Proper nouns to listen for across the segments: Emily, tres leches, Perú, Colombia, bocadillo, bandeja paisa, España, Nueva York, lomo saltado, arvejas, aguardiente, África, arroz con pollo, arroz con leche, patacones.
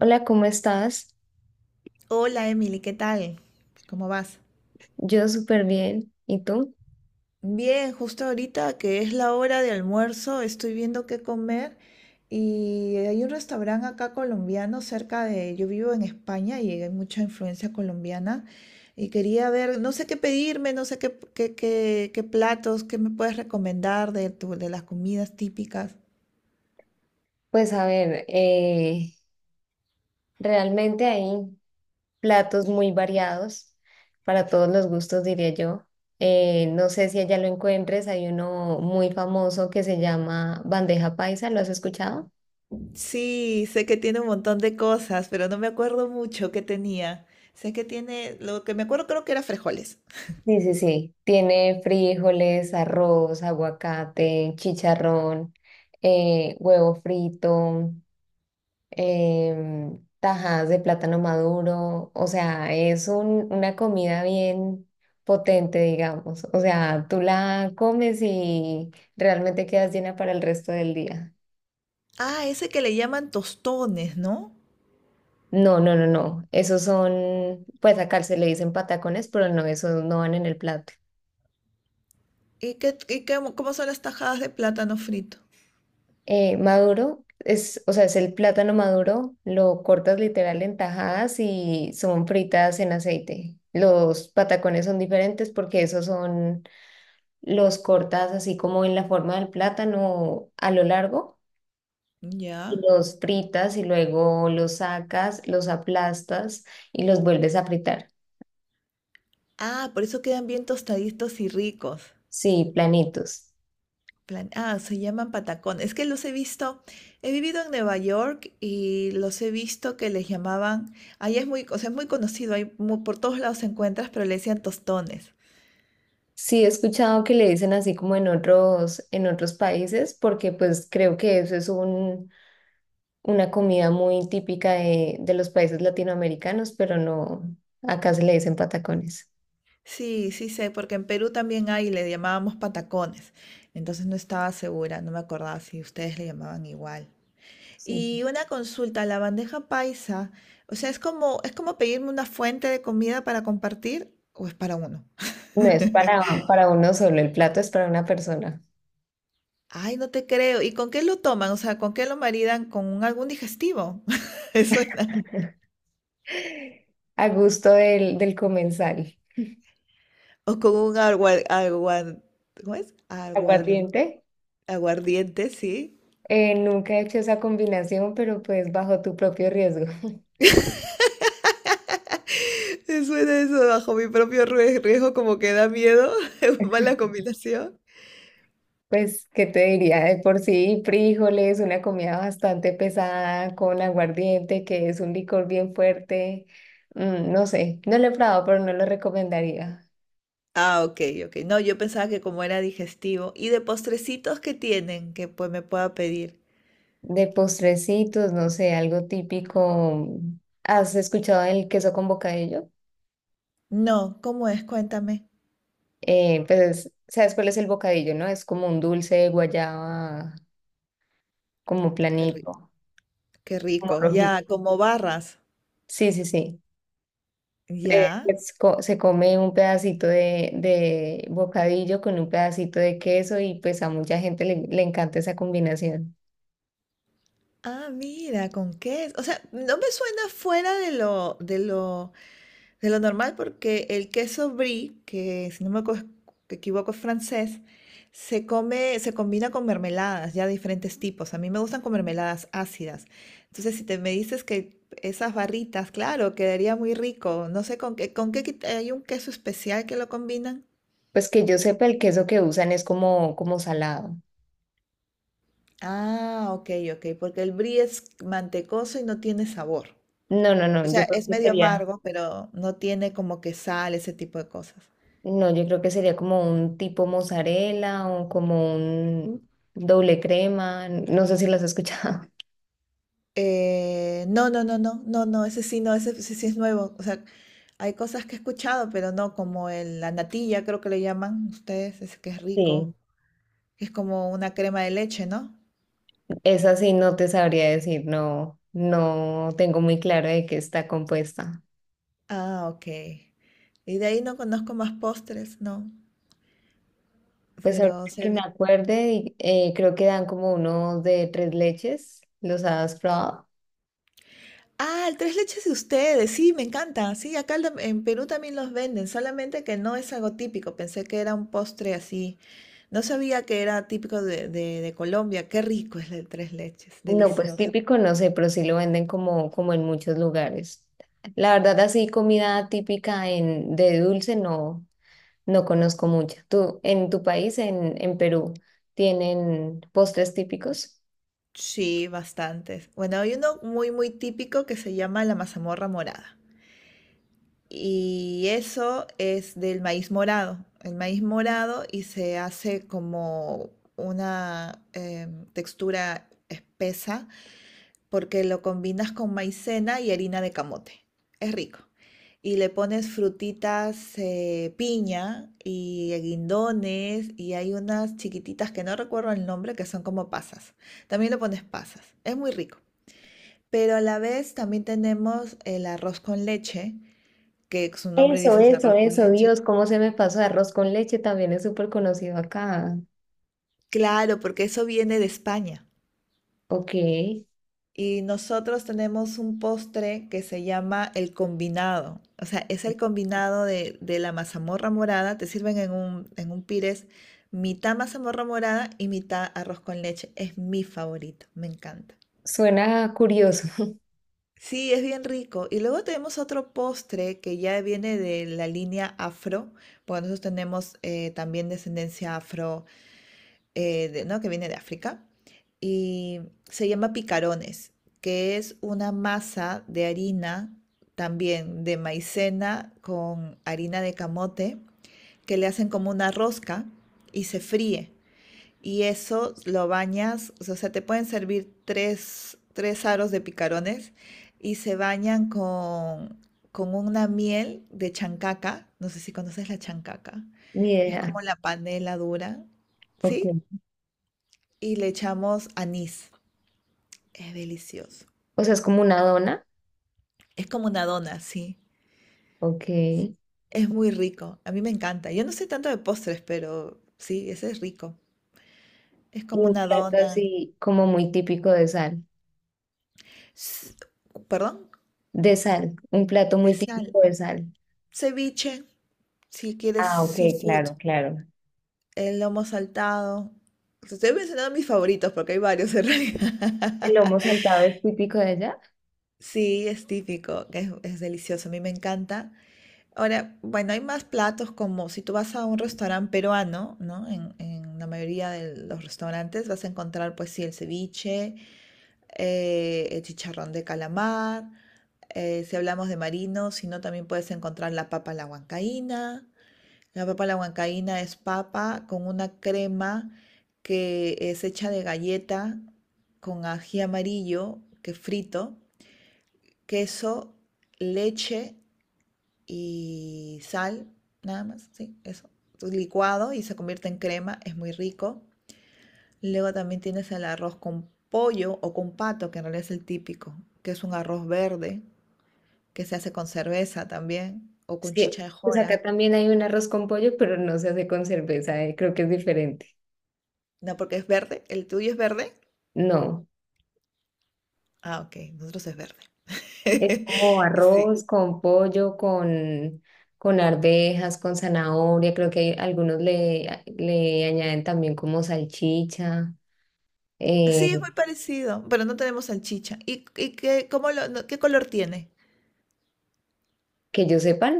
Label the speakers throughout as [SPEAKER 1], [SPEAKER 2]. [SPEAKER 1] Hola, ¿cómo estás?
[SPEAKER 2] Hola Emily, ¿qué tal? ¿Cómo vas?
[SPEAKER 1] Yo súper bien. ¿Y tú?
[SPEAKER 2] Bien, justo ahorita que es la hora de almuerzo, estoy viendo qué comer, y hay un restaurante acá colombiano cerca yo vivo en España y hay mucha influencia colombiana, y quería ver, no sé qué pedirme, no sé qué platos, qué me puedes recomendar de las comidas típicas.
[SPEAKER 1] Pues a ver, realmente hay platos muy variados para todos los gustos, diría yo. No sé si allá lo encuentres, hay uno muy famoso que se llama bandeja paisa, ¿lo has escuchado?
[SPEAKER 2] Sí, sé que tiene un montón de cosas, pero no me acuerdo mucho qué tenía. Sé que tiene, lo que me acuerdo creo que era frijoles.
[SPEAKER 1] Sí, sí, sí. Tiene frijoles, arroz, aguacate, chicharrón, huevo frito. Tajadas de plátano maduro, o sea, es una comida bien potente, digamos. O sea, tú la comes y realmente quedas llena para el resto del día.
[SPEAKER 2] Ah, ese que le llaman tostones, ¿no?
[SPEAKER 1] No, no, no, no. Esos son, pues acá se le dicen patacones, pero no, esos no van en el plato.
[SPEAKER 2] ¿Y qué, cómo son las tajadas de plátano frito?
[SPEAKER 1] Maduro es, o sea, es el plátano maduro, lo cortas literal en tajadas y son fritas en aceite. Los patacones son diferentes porque esos son los cortas así como en la forma del plátano a lo largo y
[SPEAKER 2] Ya.
[SPEAKER 1] los fritas y luego los sacas, los aplastas y los vuelves a fritar.
[SPEAKER 2] Ah, por eso quedan bien tostaditos y ricos.
[SPEAKER 1] Sí, planitos.
[SPEAKER 2] Ah, se llaman patacón. Es que los he visto, he vivido en Nueva York y los he visto que les llamaban, ahí es muy, o sea, es muy conocido, por todos lados se encuentras, pero le decían tostones.
[SPEAKER 1] Sí, he escuchado que le dicen así como en otros países, porque pues creo que eso es un, una comida muy típica de los países latinoamericanos, pero no, acá se le dicen patacones.
[SPEAKER 2] Sí, sí sé, porque en Perú también hay, le llamábamos patacones. Entonces no estaba segura, no me acordaba si ustedes le llamaban igual.
[SPEAKER 1] Sí.
[SPEAKER 2] Y una consulta, la bandeja paisa, o sea, es como pedirme una fuente de comida para compartir o es para uno.
[SPEAKER 1] No es para uno solo, el plato es para una persona.
[SPEAKER 2] Ay, no te creo. ¿Y con qué lo toman? O sea, ¿con qué lo maridan? ¿Con algún digestivo? Eso suena.
[SPEAKER 1] A gusto del, del comensal.
[SPEAKER 2] O con un ¿cómo es?
[SPEAKER 1] Aguardiente.
[SPEAKER 2] Aguardiente, sí.
[SPEAKER 1] Nunca he hecho esa combinación, pero pues bajo tu propio riesgo.
[SPEAKER 2] Me suena eso bajo mi propio riesgo, como que da miedo. Mala combinación.
[SPEAKER 1] Pues, ¿qué te diría? De por sí, frijoles, una comida bastante pesada con aguardiente, que es un licor bien fuerte. Mm, no sé, no lo he probado, pero no lo recomendaría.
[SPEAKER 2] Ah, ok, ok. No, yo pensaba que como era digestivo. ¿Y de postrecitos que tienen que pues me pueda pedir?
[SPEAKER 1] De postrecitos, no sé, algo típico. ¿Has escuchado el queso con bocadillo?
[SPEAKER 2] No, ¿cómo es? Cuéntame.
[SPEAKER 1] Pues, ¿sabes cuál es el bocadillo, no? Es como un dulce de guayaba como
[SPEAKER 2] Qué rico.
[SPEAKER 1] planito,
[SPEAKER 2] Qué
[SPEAKER 1] como
[SPEAKER 2] rico. Ya,
[SPEAKER 1] rojito.
[SPEAKER 2] como barras.
[SPEAKER 1] Sí, sí, sí.
[SPEAKER 2] Ya.
[SPEAKER 1] Es se come un pedacito de bocadillo con un pedacito de queso y pues a mucha gente le encanta esa combinación.
[SPEAKER 2] Ah, mira, con queso. O sea, no me suena fuera de lo, de lo normal, porque el queso brie, que si no me equivoco es francés, se come, se combina con mermeladas, ya de diferentes tipos. A mí me gustan con mermeladas ácidas. Entonces, si te me dices que esas barritas, claro, quedaría muy rico. No sé con qué, con qué, hay un queso especial que lo combinan.
[SPEAKER 1] Pues que yo sepa, el queso que usan es como, como salado.
[SPEAKER 2] Ah, ok, ok, porque el brie es mantecoso y no tiene sabor.
[SPEAKER 1] No, no,
[SPEAKER 2] O
[SPEAKER 1] no,
[SPEAKER 2] sea,
[SPEAKER 1] yo creo
[SPEAKER 2] es
[SPEAKER 1] que
[SPEAKER 2] medio
[SPEAKER 1] sería,
[SPEAKER 2] amargo, pero no tiene como que sal, ese tipo de cosas.
[SPEAKER 1] no, yo creo que sería como un tipo mozzarella o como un doble crema, no sé si las has escuchado.
[SPEAKER 2] No, ese sí, no, ese sí es nuevo. O sea, hay cosas que he escuchado, pero no, como la natilla, creo que le llaman ustedes, ese que es rico,
[SPEAKER 1] Sí,
[SPEAKER 2] que es como una crema de leche, ¿no?
[SPEAKER 1] esa sí no te sabría decir, no, no tengo muy claro de qué está compuesta.
[SPEAKER 2] Ah, ok. Y de ahí no conozco más postres, no.
[SPEAKER 1] Pues ahorita
[SPEAKER 2] Pero se
[SPEAKER 1] que me
[SPEAKER 2] ve-
[SPEAKER 1] acuerde, creo que dan como uno de tres leches. ¿Los has probado?
[SPEAKER 2] Ah, el tres leches de ustedes, sí, me encanta. Sí, acá el en Perú también los venden, solamente que no es algo típico. Pensé que era un postre así. No sabía que era típico de Colombia. Qué rico es el tres leches,
[SPEAKER 1] No, pues
[SPEAKER 2] delicioso.
[SPEAKER 1] típico no sé, pero sí lo venden como, como en muchos lugares. La verdad, así comida típica en, de dulce no, no conozco mucha. ¿Tú, en tu país, en Perú, tienen postres típicos?
[SPEAKER 2] Sí, bastantes. Bueno, hay uno muy típico que se llama la mazamorra morada. Y eso es del maíz morado. El maíz morado y se hace como una textura espesa porque lo combinas con maicena y harina de camote. Es rico. Y le pones frutitas, piña y guindones y hay unas chiquititas que no recuerdo el nombre que son como pasas. También le pones pasas. Es muy rico. Pero a la vez también tenemos el arroz con leche, que su nombre
[SPEAKER 1] Eso,
[SPEAKER 2] dice es
[SPEAKER 1] eso,
[SPEAKER 2] arroz con
[SPEAKER 1] eso,
[SPEAKER 2] leche.
[SPEAKER 1] Dios, cómo se me pasó. Arroz con leche también es súper conocido acá.
[SPEAKER 2] Claro, porque eso viene de España.
[SPEAKER 1] Ok,
[SPEAKER 2] Y nosotros tenemos un postre que se llama el combinado. O sea, es el combinado de la mazamorra morada. Te sirven en un pires mitad mazamorra morada y mitad arroz con leche. Es mi favorito, me encanta.
[SPEAKER 1] suena curioso.
[SPEAKER 2] Sí, es bien rico. Y luego tenemos otro postre que ya viene de la línea afro, porque nosotros tenemos también descendencia afro, ¿no? Que viene de África. Y se llama picarones, que es una masa de harina, también de maicena con harina de camote, que le hacen como una rosca y se fríe, y eso lo bañas, o sea, te pueden servir tres aros de picarones y se bañan con una miel de chancaca, no sé si conoces la chancaca,
[SPEAKER 1] Ni
[SPEAKER 2] que es
[SPEAKER 1] idea.
[SPEAKER 2] como la panela dura, ¿sí?
[SPEAKER 1] Ok.
[SPEAKER 2] Y le echamos anís, es delicioso.
[SPEAKER 1] O sea, es como una dona,
[SPEAKER 2] Es como una dona, sí.
[SPEAKER 1] ok. Y
[SPEAKER 2] Es muy rico, a mí me encanta. Yo no sé tanto de postres, pero sí, ese es rico. Es como
[SPEAKER 1] un
[SPEAKER 2] una
[SPEAKER 1] plato
[SPEAKER 2] dona,
[SPEAKER 1] así como muy típico de sal.
[SPEAKER 2] s- perdón,
[SPEAKER 1] De sal, un plato
[SPEAKER 2] de
[SPEAKER 1] muy
[SPEAKER 2] sal.
[SPEAKER 1] típico de sal.
[SPEAKER 2] Ceviche. Si quieres
[SPEAKER 1] Ah, ok,
[SPEAKER 2] seafood,
[SPEAKER 1] claro, claro.
[SPEAKER 2] el lomo saltado. Te estoy mencionando mis favoritos porque hay varios en
[SPEAKER 1] ¿El
[SPEAKER 2] realidad.
[SPEAKER 1] lomo saltado es típico de allá?
[SPEAKER 2] Sí, es típico, es delicioso, a mí me encanta. Ahora, bueno, hay más platos como si tú vas a un restaurante peruano, ¿no? En la mayoría de los restaurantes vas a encontrar, pues sí, el ceviche, el chicharrón de calamar. Si hablamos de marinos, si no, también puedes encontrar la papa a la huancaína. La papa a la huancaína es papa con una crema que es hecha de galleta con ají amarillo que frito, queso, leche y sal, nada más, sí, eso. Licuado y se convierte en crema, es muy rico. Luego también tienes el arroz con pollo o con pato, que en realidad es el típico, que es un arroz verde que se hace con cerveza también o con
[SPEAKER 1] Sí,
[SPEAKER 2] chicha de
[SPEAKER 1] pues acá
[SPEAKER 2] jora.
[SPEAKER 1] también hay un arroz con pollo, pero no se hace con cerveza, creo que es diferente.
[SPEAKER 2] No, porque es verde, el tuyo es verde.
[SPEAKER 1] No,
[SPEAKER 2] Ah, ok, nosotros es verde.
[SPEAKER 1] es como
[SPEAKER 2] Sí.
[SPEAKER 1] arroz con pollo, con arvejas, con zanahoria. Creo que algunos le añaden también como salchicha. eh,
[SPEAKER 2] Sí, es muy parecido, pero no tenemos salchicha. Y qué, cómo lo- no- qué color tiene?
[SPEAKER 1] que yo sepa,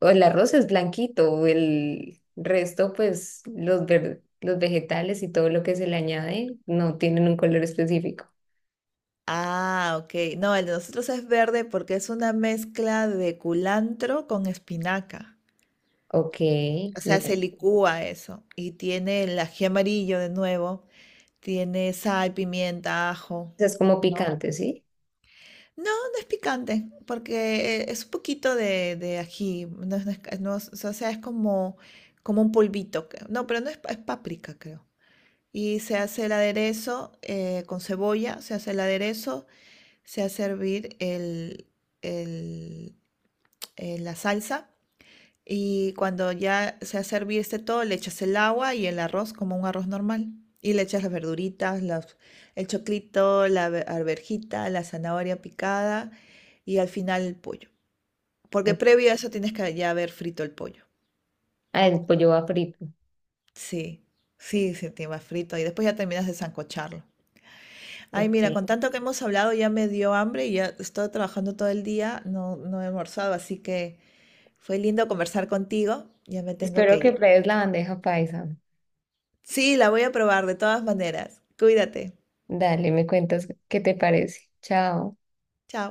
[SPEAKER 1] o el arroz es blanquito, el resto, pues los, los vegetales y todo lo que se le añade no tienen un color específico.
[SPEAKER 2] Ah, ok. No, el de nosotros es verde porque es una mezcla de culantro con espinaca.
[SPEAKER 1] Ok,
[SPEAKER 2] O sea,
[SPEAKER 1] no.
[SPEAKER 2] se licúa eso. Y tiene el ají amarillo de nuevo. Tiene sal, pimienta, ajo.
[SPEAKER 1] Es como
[SPEAKER 2] No.
[SPEAKER 1] picante, ¿sí?
[SPEAKER 2] No, no es picante, porque es un poquito de ají. No, es- no es- no es- o sea, es como, como un polvito. Creo. No, pero no es, es páprica, creo. Y se hace el aderezo con cebolla, se hace el aderezo, se hace hervir el- la salsa. Y cuando ya se hace hervir este todo, le echas el agua y el arroz como un arroz normal. Y le echas las verduritas, el choclito, arvejita, la zanahoria picada y al final el pollo. Porque
[SPEAKER 1] Ok.
[SPEAKER 2] previo a eso tienes que ya haber frito el pollo.
[SPEAKER 1] Ah, el pollo va frito.
[SPEAKER 2] Sí, sí te va frito y después ya terminas de sancocharlo. Ay,
[SPEAKER 1] Ok.
[SPEAKER 2] mira, con tanto que hemos hablado ya me dio hambre y ya estoy trabajando todo el día, no, no he almorzado, así que fue lindo conversar contigo, ya me tengo que
[SPEAKER 1] Espero que
[SPEAKER 2] ir.
[SPEAKER 1] pruebes la bandeja paisa.
[SPEAKER 2] Sí, la voy a probar de todas maneras. Cuídate.
[SPEAKER 1] Dale, me cuentas qué te parece. Chao.
[SPEAKER 2] Chao.